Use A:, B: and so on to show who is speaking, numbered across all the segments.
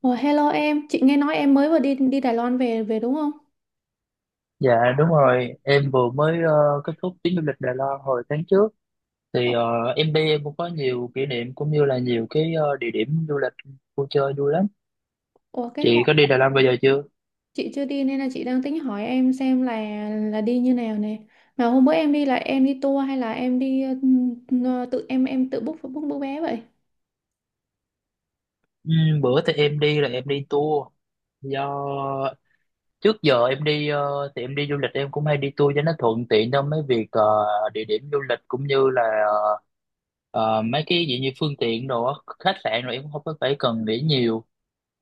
A: Ủa, hello em, chị nghe nói em mới vừa đi đi Đài Loan về về đúng không?
B: Dạ đúng rồi, em vừa mới kết thúc chuyến du lịch Đài Loan hồi tháng trước
A: Ủa,
B: thì ờ, em đi em cũng có nhiều kỷ niệm cũng như là nhiều cái địa điểm du lịch vui chơi vui lắm.
A: ủa, cái
B: Chị
A: hôm
B: có đi Đài Loan bao giờ chưa?
A: chị chưa đi nên là chị đang tính hỏi em xem là đi như nào nè. Mà hôm bữa em đi là em đi tour hay là em đi tự em tự book book book vé vậy?
B: Ừ, bữa thì em đi là em đi tour do trước giờ em đi thì em đi du lịch em cũng hay đi tour cho nó thuận tiện trong mấy việc địa điểm du lịch cũng như là ờ, mấy cái gì như phương tiện đồ á, khách sạn rồi em cũng không có phải cần nghĩ nhiều.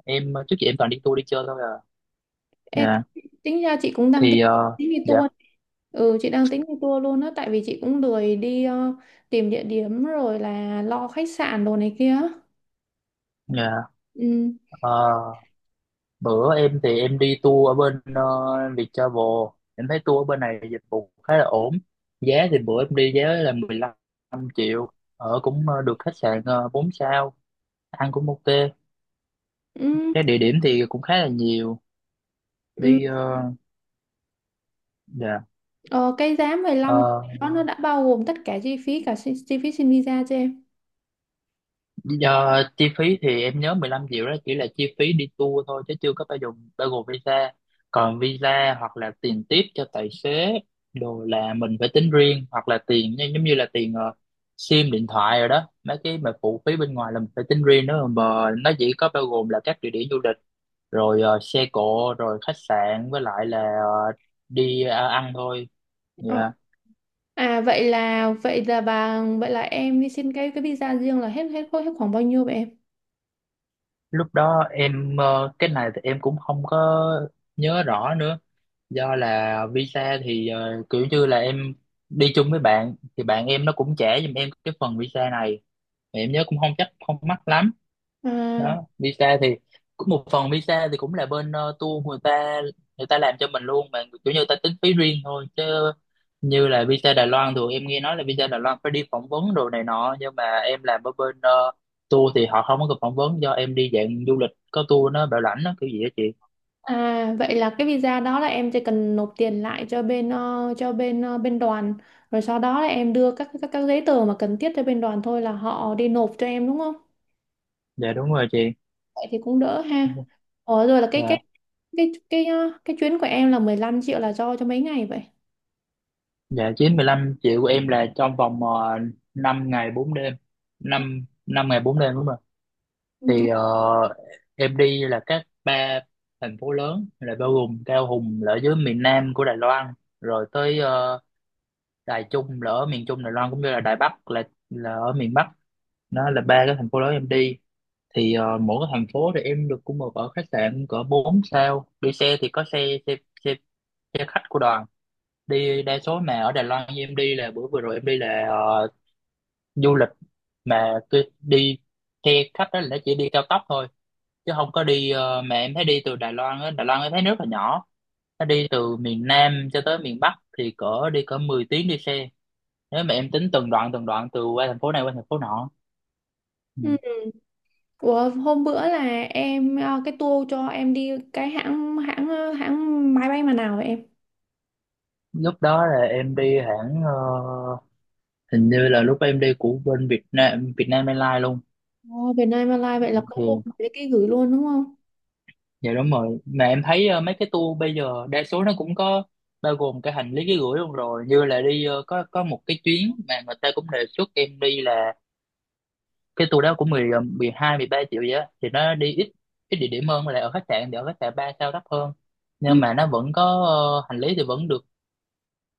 B: Em trước giờ em toàn đi tour đi chơi thôi à.
A: Ê,
B: Dạ.
A: tính ra chị cũng đang tính
B: thì ờ,
A: tính đi
B: dạ
A: tour. Ừ, chị đang tính đi tour luôn á, tại vì chị cũng lười đi tìm địa điểm rồi là lo khách sạn đồ này kia.
B: dạ.
A: Ừ.
B: Ờ, bữa em thì em đi tour ở bên Viettravel, em thấy tour ở bên này dịch vụ khá là ổn, giá thì bữa em đi giá là 15 triệu, ở cũng được khách sạn 4 sao, ăn cũng ok,
A: Ừ.
B: cái địa điểm thì cũng khá là nhiều
A: Ừ.
B: đi ờ, dạ.
A: Ờ, cái giá 15
B: Ờ,
A: đó nó đã bao gồm tất cả chi phí, cả chi phí xin visa cho em.
B: giờ chi phí thì em nhớ 15 triệu đó chỉ là chi phí đi tour thôi chứ chưa có bao gồm visa. Còn visa hoặc là tiền tiếp cho tài xế đồ là mình phải tính riêng, hoặc là tiền như- giống như là tiền sim điện thoại rồi đó. Mấy cái mà phụ phí bên ngoài là mình phải tính riêng đó, mà nó chỉ có bao gồm là các địa điểm du lịch rồi xe cộ rồi khách sạn với lại là đi ăn thôi.
A: Ờ.
B: Dạ.
A: À, vậy là em đi xin cái visa riêng là hết hết hết khoảng bao nhiêu vậy em?
B: Lúc đó em cái này thì em cũng không có nhớ rõ nữa, do là visa thì kiểu như là em đi chung với bạn thì bạn em nó cũng trả giùm em cái phần visa này. Mà em nhớ cũng không chắc, không mắc lắm
A: À,
B: đó. Visa thì cũng một phần visa thì cũng là bên tour người ta, người ta làm cho mình luôn mà kiểu như người ta tính phí riêng thôi, chứ như là visa Đài Loan thì em nghe nói là visa Đài Loan phải đi phỏng vấn đồ này nọ, nhưng mà em làm ở bên tour thì họ không có cần phỏng vấn, do em đi dạng du lịch có tour nó bảo lãnh nó kiểu gì đó chị.
A: à, vậy là cái visa đó là em chỉ cần nộp tiền lại cho bên đoàn, rồi sau đó là em đưa các giấy tờ mà cần thiết cho bên đoàn thôi là họ đi nộp cho em đúng không?
B: Dạ đúng rồi chị.
A: Vậy thì cũng đỡ ha. Ờ, rồi là cái cái
B: Dạ.
A: cái cái ờ, cái chuyến của em là 15 triệu là do cho mấy ngày vậy?
B: Dạ, 95 triệu của em là trong vòng 5 ngày 4 đêm. Năm 5 ngày 4 đêm đúng không ạ?
A: Ừ.
B: Thì ờ, em đi là các ba thành phố lớn, là bao gồm Cao Hùng là ở dưới miền Nam của Đài Loan, rồi tới Đài Trung là ở miền Trung Đài Loan, cũng như là Đài Bắc là ở miền Bắc. Đó là ba cái thành phố lớn em đi. Mỗi cái thành phố thì em được cũng được ở khách sạn cỡ 4 sao. Đi xe thì có xe xe xe, xe khách của đoàn đi. Đa số mà ở Đài Loan như em đi là bữa vừa rồi em đi là du lịch mà cứ đi theo khách đó là chỉ đi cao tốc thôi chứ không có đi mà em thấy đi từ Đài Loan á, Đài Loan em thấy rất là nhỏ, nó đi từ miền Nam cho tới miền Bắc thì cỡ đi cỡ 10 tiếng đi xe, nếu mà em tính từng đoạn từ qua thành phố này qua thành phố nọ. Ừ.
A: Ừ. Ủa, hôm bữa là em cái tour cho em đi cái hãng hãng ờ, hãng máy bay mà nào vậy em?
B: Lúc đó là em đi hãng hình như là lúc em đi của bên Việt Nam Airlines luôn.
A: Ồ, Việt Nam Airlines vậy là có luôn
B: Thì
A: cái gửi luôn đúng không?
B: dạ đúng rồi, mà em thấy mấy cái tour bây giờ đa số nó cũng có bao gồm cái hành lý ký gửi luôn rồi, như là đi có một cái chuyến mà người ta cũng đề xuất em đi là cái tour đó cũng 12 13 triệu vậy á, thì nó đi ít ít địa điểm hơn, là ở khách sạn thì ở khách sạn 3 sao, đắt hơn nhưng
A: Ừ.
B: mà nó vẫn có hành lý thì vẫn được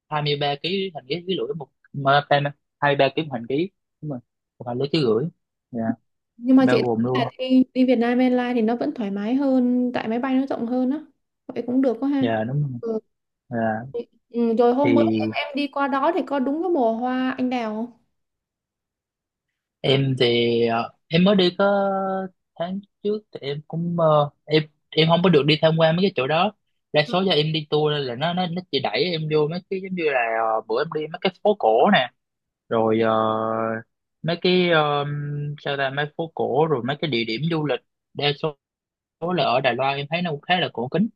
B: 23 ký hành lý ký gửi một mà- 23 ký một hành lý, đúng rồi, một hành lý ký gửi dạ
A: Nhưng mà chị
B: bao gồm
A: thấy
B: luôn,
A: là đi Việt Nam Airlines thì nó vẫn thoải mái hơn tại máy bay nó rộng hơn á. Vậy cũng được quá ha.
B: dạ đúng rồi
A: Ừ.
B: dạ.
A: Ừ, rồi hôm bữa em
B: Thì
A: em đi qua đó thì có đúng cái mùa hoa anh đào không?
B: em thì em mới đi có tháng trước, thì em cũng em không có được đi tham quan mấy cái chỗ đó, đa số do em đi tour nên là nó chỉ đẩy em vô mấy cái giống như là bữa em đi mấy cái phố cổ nè rồi mấy cái sao ta, mấy phố cổ rồi mấy cái địa điểm du lịch, đa số là ở Đài Loan em thấy nó cũng khá là cổ kính,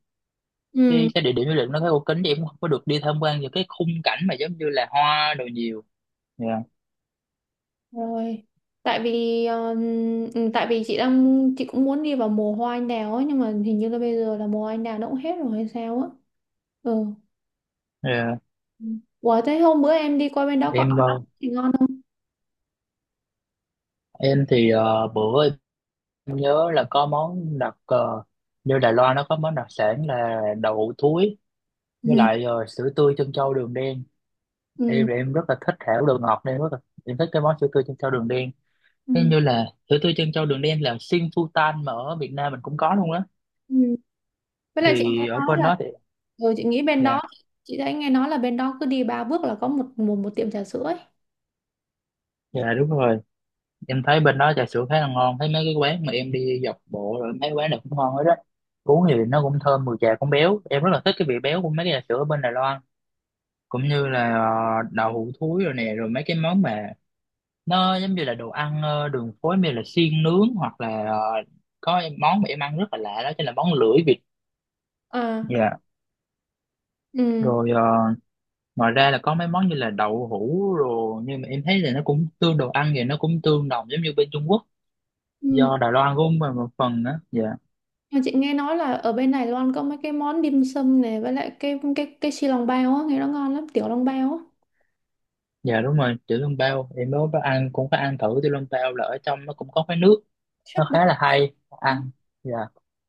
A: Ừ,
B: cái địa điểm du lịch nó khá cổ kính thì em cũng không có được đi tham quan vào cái khung cảnh mà giống như là hoa đồ nhiều. Dạ.
A: rồi. Tại vì ờ, ừ, tại vì chị đang chị cũng muốn đi vào mùa hoa anh đào ấy, nhưng mà hình như là bây giờ là mùa hoa anh đào nó cũng hết rồi hay sao á. Ừ.
B: Dạ.
A: Ủa, thế hôm bữa em đi qua bên đó có
B: Em
A: ăn thì ngon không?
B: em thì bữa em nhớ là có món đặc như Đài Loan nó có món đặc sản là đậu hũ thúi với
A: Ừ.
B: lại sữa tươi trân châu đường đen. Em
A: Ừ.
B: thì em rất là thích hảo đồ ngọt nên em rất là em thích cái món sữa tươi trân châu đường đen, thế
A: Ừ.
B: như là sữa tươi trân châu đường đen là sinh phu tan mà ở Việt Nam mình cũng có luôn á.
A: Ừ. Với lại chị
B: Thì
A: nghe
B: ở
A: nói
B: bên
A: là
B: đó thì
A: chị nghĩ bên
B: dạ
A: đó, chị thấy nghe nói là bên đó cứ đi ba bước là có một một, một tiệm trà sữa ấy.
B: dạ đúng rồi, em thấy bên đó trà sữa khá là ngon, thấy mấy cái quán mà em đi dọc bộ rồi mấy quán này cũng ngon hết á, uống thì nó cũng thơm mùi trà cũng béo, em rất là thích cái vị béo của mấy cái trà sữa ở bên Đài Loan, cũng như là đậu hũ thúi rồi nè, rồi mấy cái món mà nó giống như là đồ ăn đường phố như là xiên nướng hoặc là có món mà em ăn rất là lạ đó chính là món lưỡi vịt
A: À.
B: dạ.
A: Ừ.
B: Rồi ngoài ra là có mấy món như là đậu hũ rồi, nhưng mà em thấy là nó cũng tương đồ ăn thì nó cũng tương đồng giống như bên Trung Quốc,
A: Ừ.
B: do Đài Loan cũng một một phần đó dạ.
A: Nhưng chị nghe nói là ở bên Đài Loan có mấy cái món dim sum này, với lại cái xi lòng bao á, nghe nó ngon lắm, tiểu lòng bao á.
B: Dạ đúng rồi, tiểu笼bao em mới có ăn, cũng có ăn thử tiểu笼bao là ở trong nó cũng có cái nước,
A: Súp
B: nó
A: đó.
B: khá là hay ăn dạ.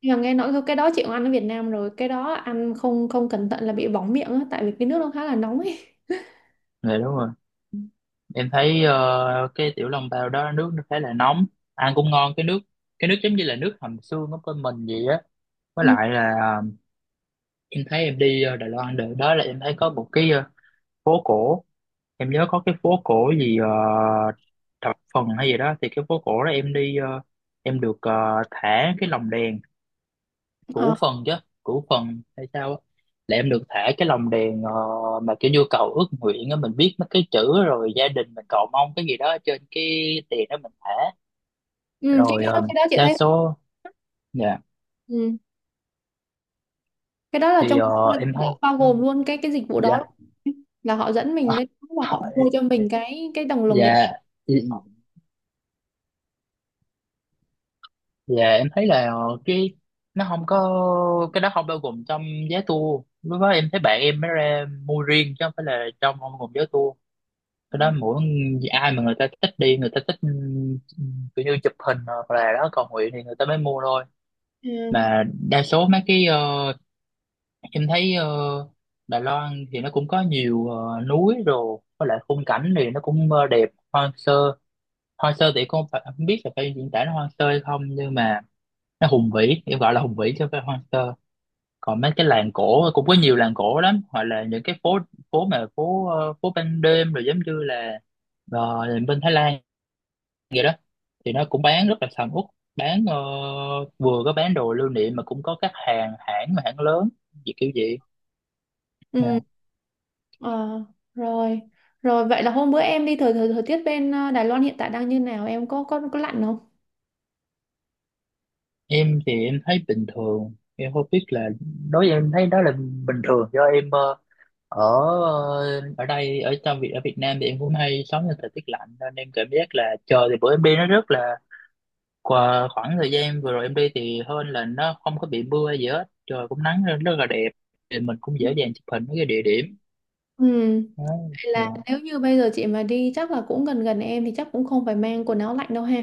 A: Nhưng mà nghe nói cái đó chị cũng ăn ở Việt Nam rồi, cái đó ăn không không cẩn thận là bị bỏng miệng á, tại vì cái nước nó khá là nóng ấy.
B: Dạ đúng rồi, em thấy cái tiểu long tàu đó nước nó khá là nóng, ăn cũng ngon cái nước, cái nước giống như là nước hầm xương của bên mình vậy á, với
A: Ừ.
B: lại là em thấy em đi Đài Loan được đó là em thấy có một cái phố cổ, em nhớ có cái phố cổ gì thập phần hay gì đó, thì cái phố cổ đó em đi em được thả cái lồng đèn
A: Ờ.
B: củ phần chứ, củ phần hay sao á, là em được thả cái lồng đèn mà kiểu như cầu ước nguyện á, mình viết mấy cái chữ rồi gia đình mình cầu mong cái gì đó trên cái tiền đó mình thả.
A: Ừ, cái
B: Rồi
A: đó cái đó chị
B: đa
A: thấy.
B: số dạ
A: Ừ, cái đó là trong đó là
B: em thấy
A: bao gồm luôn cái dịch vụ đó,
B: dạ
A: là họ dẫn mình lên đó và họ mua cho mình cái đồng lồng đèn.
B: dạ dạ em thấy là cái nó không có, cái đó không bao gồm trong giá tour, lúc đó em thấy bạn em mới ra mua riêng chứ không phải là trong không gồm giá tour. Cái đó mỗi ai mà người ta thích đi, người ta thích ừ, kiểu như chụp hình hoặc là đó cầu nguyện thì người ta mới mua thôi.
A: Ừ.
B: Mà đa số mấy cái em thấy Đài Loan thì nó cũng có nhiều núi rồi với lại khung cảnh thì nó cũng đẹp hoang sơ, hoang sơ thì không, phải, không biết là phải diễn tả nó hoang sơ hay không, nhưng mà nó hùng vĩ, em gọi là hùng vĩ chứ không phải hoang sơ. Còn mấy cái làng cổ cũng có nhiều làng cổ lắm, hoặc là những cái phố phố mà phố phố ban đêm rồi, giống như là bên Thái Lan vậy đó, thì nó cũng bán rất là sầm uất, bán vừa có bán đồ lưu niệm mà cũng có các hàng hãng mà hãng lớn gì kiểu vậy.
A: Ừ.
B: Nè,
A: ờ, rồi rồi vậy là hôm bữa em đi thời thời, thời tiết bên Đài Loan hiện tại đang như nào, em có lạnh không?
B: em thì em thấy bình thường, em không biết là đối với em thấy đó là bình thường, do em ở ở đây, ở trong Việt, ở Việt Nam thì em cũng hay sống trong thời tiết lạnh nên em cảm giác là trời thì bữa em đi nó rất là qua khoảng thời gian vừa rồi em đi thì hơn là nó không có bị mưa hay gì hết, trời cũng nắng lên rất là đẹp thì mình cũng dễ dàng chụp hình mấy cái địa điểm
A: Ừ.
B: đó.
A: Vậy
B: Dạ.
A: là nếu như bây giờ chị mà đi chắc là cũng gần gần em, thì chắc cũng không phải mang quần áo lạnh đâu ha.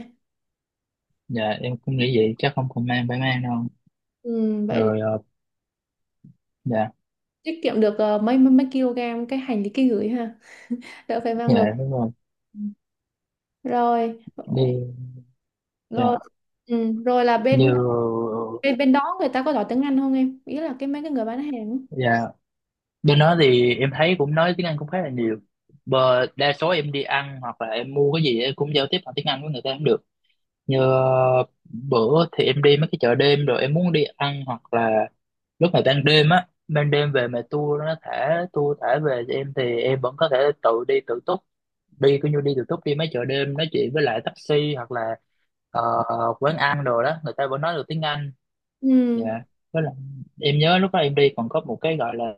B: Dạ em cũng nghĩ vậy, chắc không còn mang phải mang đâu.
A: Ừ, vậy
B: Rồi dạ
A: tiết kiệm được mấy mấy mấy kg cái hành lý ký gửi ha, đỡ phải mang được.
B: dạ đúng rồi
A: Ừ. Rồi.
B: đi dạ
A: Rồi. Ừ, rồi là bên
B: như
A: bên bên đó người ta có giỏi tiếng Anh không em, ý là cái mấy cái người bán hàng á.
B: dạ bên đó thì em thấy cũng nói tiếng Anh cũng khá là nhiều. Bờ, đa số em đi ăn hoặc là em mua cái gì em cũng giao tiếp bằng tiếng Anh với người ta cũng được, như bữa thì em đi mấy cái chợ đêm rồi em muốn đi ăn hoặc là lúc mà ban đêm á, ban đêm về mà tour nó thả tour thả về cho em thì em vẫn có thể tự đi tự túc, đi cứ như đi từ túc đi mấy chợ đêm, nói chuyện với lại taxi hoặc là ờ, quán ăn đồ đó, người ta vẫn nói được tiếng Anh dạ.
A: Ừ.
B: Với lại em nhớ lúc đó em đi còn có một cái gọi là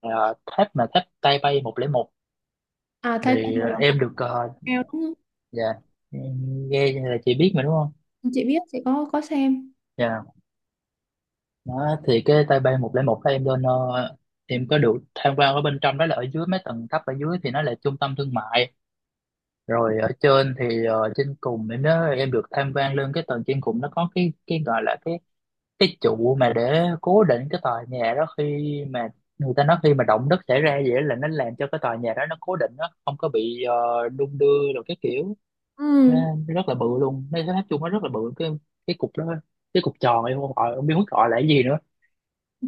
B: tháp mà tháp Tay Bay 101,
A: À, Taipei
B: thì
A: một là một
B: em được
A: kèo đúng không?
B: dạ em nghe là chị biết mà đúng không
A: Chị biết, chị có xem.
B: dạ. Đó thì cái Tay Bay 101 đó em lên em có được tham quan ở bên trong, đó là ở dưới mấy tầng thấp, ở dưới thì nó là trung tâm thương mại, rồi ở trên thì trên cùng em nhớ em được tham quan lên cái tầng trên cùng, nó có cái gọi là cái trụ mà để cố định cái tòa nhà đó khi mà người ta nói khi mà động đất xảy ra, vậy là nó làm cho cái tòa nhà đó nó cố định, nó không có bị đung đưa rồi cái kiểu.
A: Ừ.
B: Nó rất là bự luôn, nó nói chung nó rất là bự cái cục đó, cái cục tròn em không gọi không biết gọi là cái gì nữa.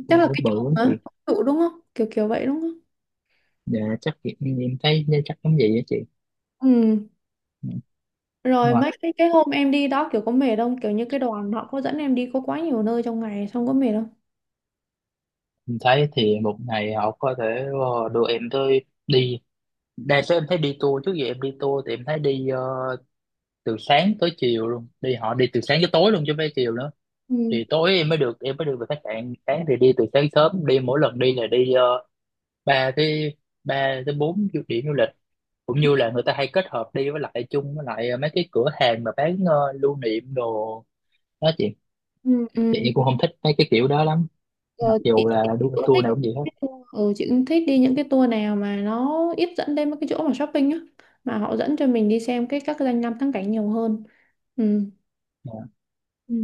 B: Ừ,
A: Chắc là
B: cũng
A: cái
B: bự
A: chỗ
B: lắm chị.
A: hả, trụ đúng không, kiểu kiểu vậy đúng không?
B: Dạ, chắc chị- em thấy chắc giống vậy á chị.
A: Ừ.
B: Ừ, đúng
A: Rồi
B: rồi.
A: mấy cái hôm em đi đó kiểu có mệt không, kiểu như cái đoàn họ có dẫn em đi có quá nhiều nơi trong ngày xong có mệt không?
B: Em thấy thì một ngày họ có thể đưa em tới đi, đa số em thấy đi tour trước giờ em đi tour thì em thấy đi từ sáng tới chiều luôn, đi họ đi từ sáng tới tối luôn chứ không phải chiều nữa, thì
A: Ừ.
B: tối em mới được về khách sạn, sáng thì đi từ sáng sớm, đi mỗi lần đi là đi ba tới ba tới bốn du- điểm du lịch, cũng như là người ta hay kết hợp đi với lại chung với lại mấy cái cửa hàng mà bán lưu niệm đồ đó chị.
A: Ừ.
B: Chị
A: Ừ.
B: em cũng không thích mấy cái kiểu đó lắm, mặc
A: Ờ, chị
B: dù là
A: chị
B: đu-
A: cũng
B: tour
A: thích
B: nào cũng vậy hết.
A: chị cũng thích đi những cái tour nào mà nó ít dẫn đến mấy cái chỗ mà shopping á, mà họ dẫn cho mình đi xem các cái danh lam thắng cảnh nhiều hơn. Ừ.
B: Dạ,
A: Ừ.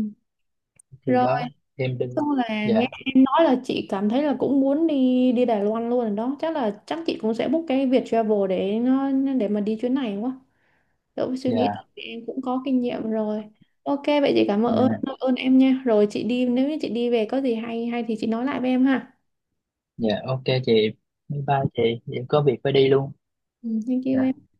B: thì
A: Rồi,
B: đó em đi
A: xong là
B: dạ
A: nghe em nói là chị cảm thấy là cũng muốn đi đi Đài Loan luôn rồi đó, chắc chị cũng sẽ book cái Viet Travel, để mà đi chuyến này quá, đỡ phải suy nghĩ,
B: dạ
A: thì em cũng có kinh nghiệm rồi. Ok, vậy chị cảm
B: dạ.
A: ơn ơn em nha, rồi chị đi nếu như chị đi về có gì hay hay thì chị nói lại với em ha.
B: Dạ ok chị, bye bye chị, em có việc phải đi luôn.
A: Ừ, thank you
B: Dạ.
A: em.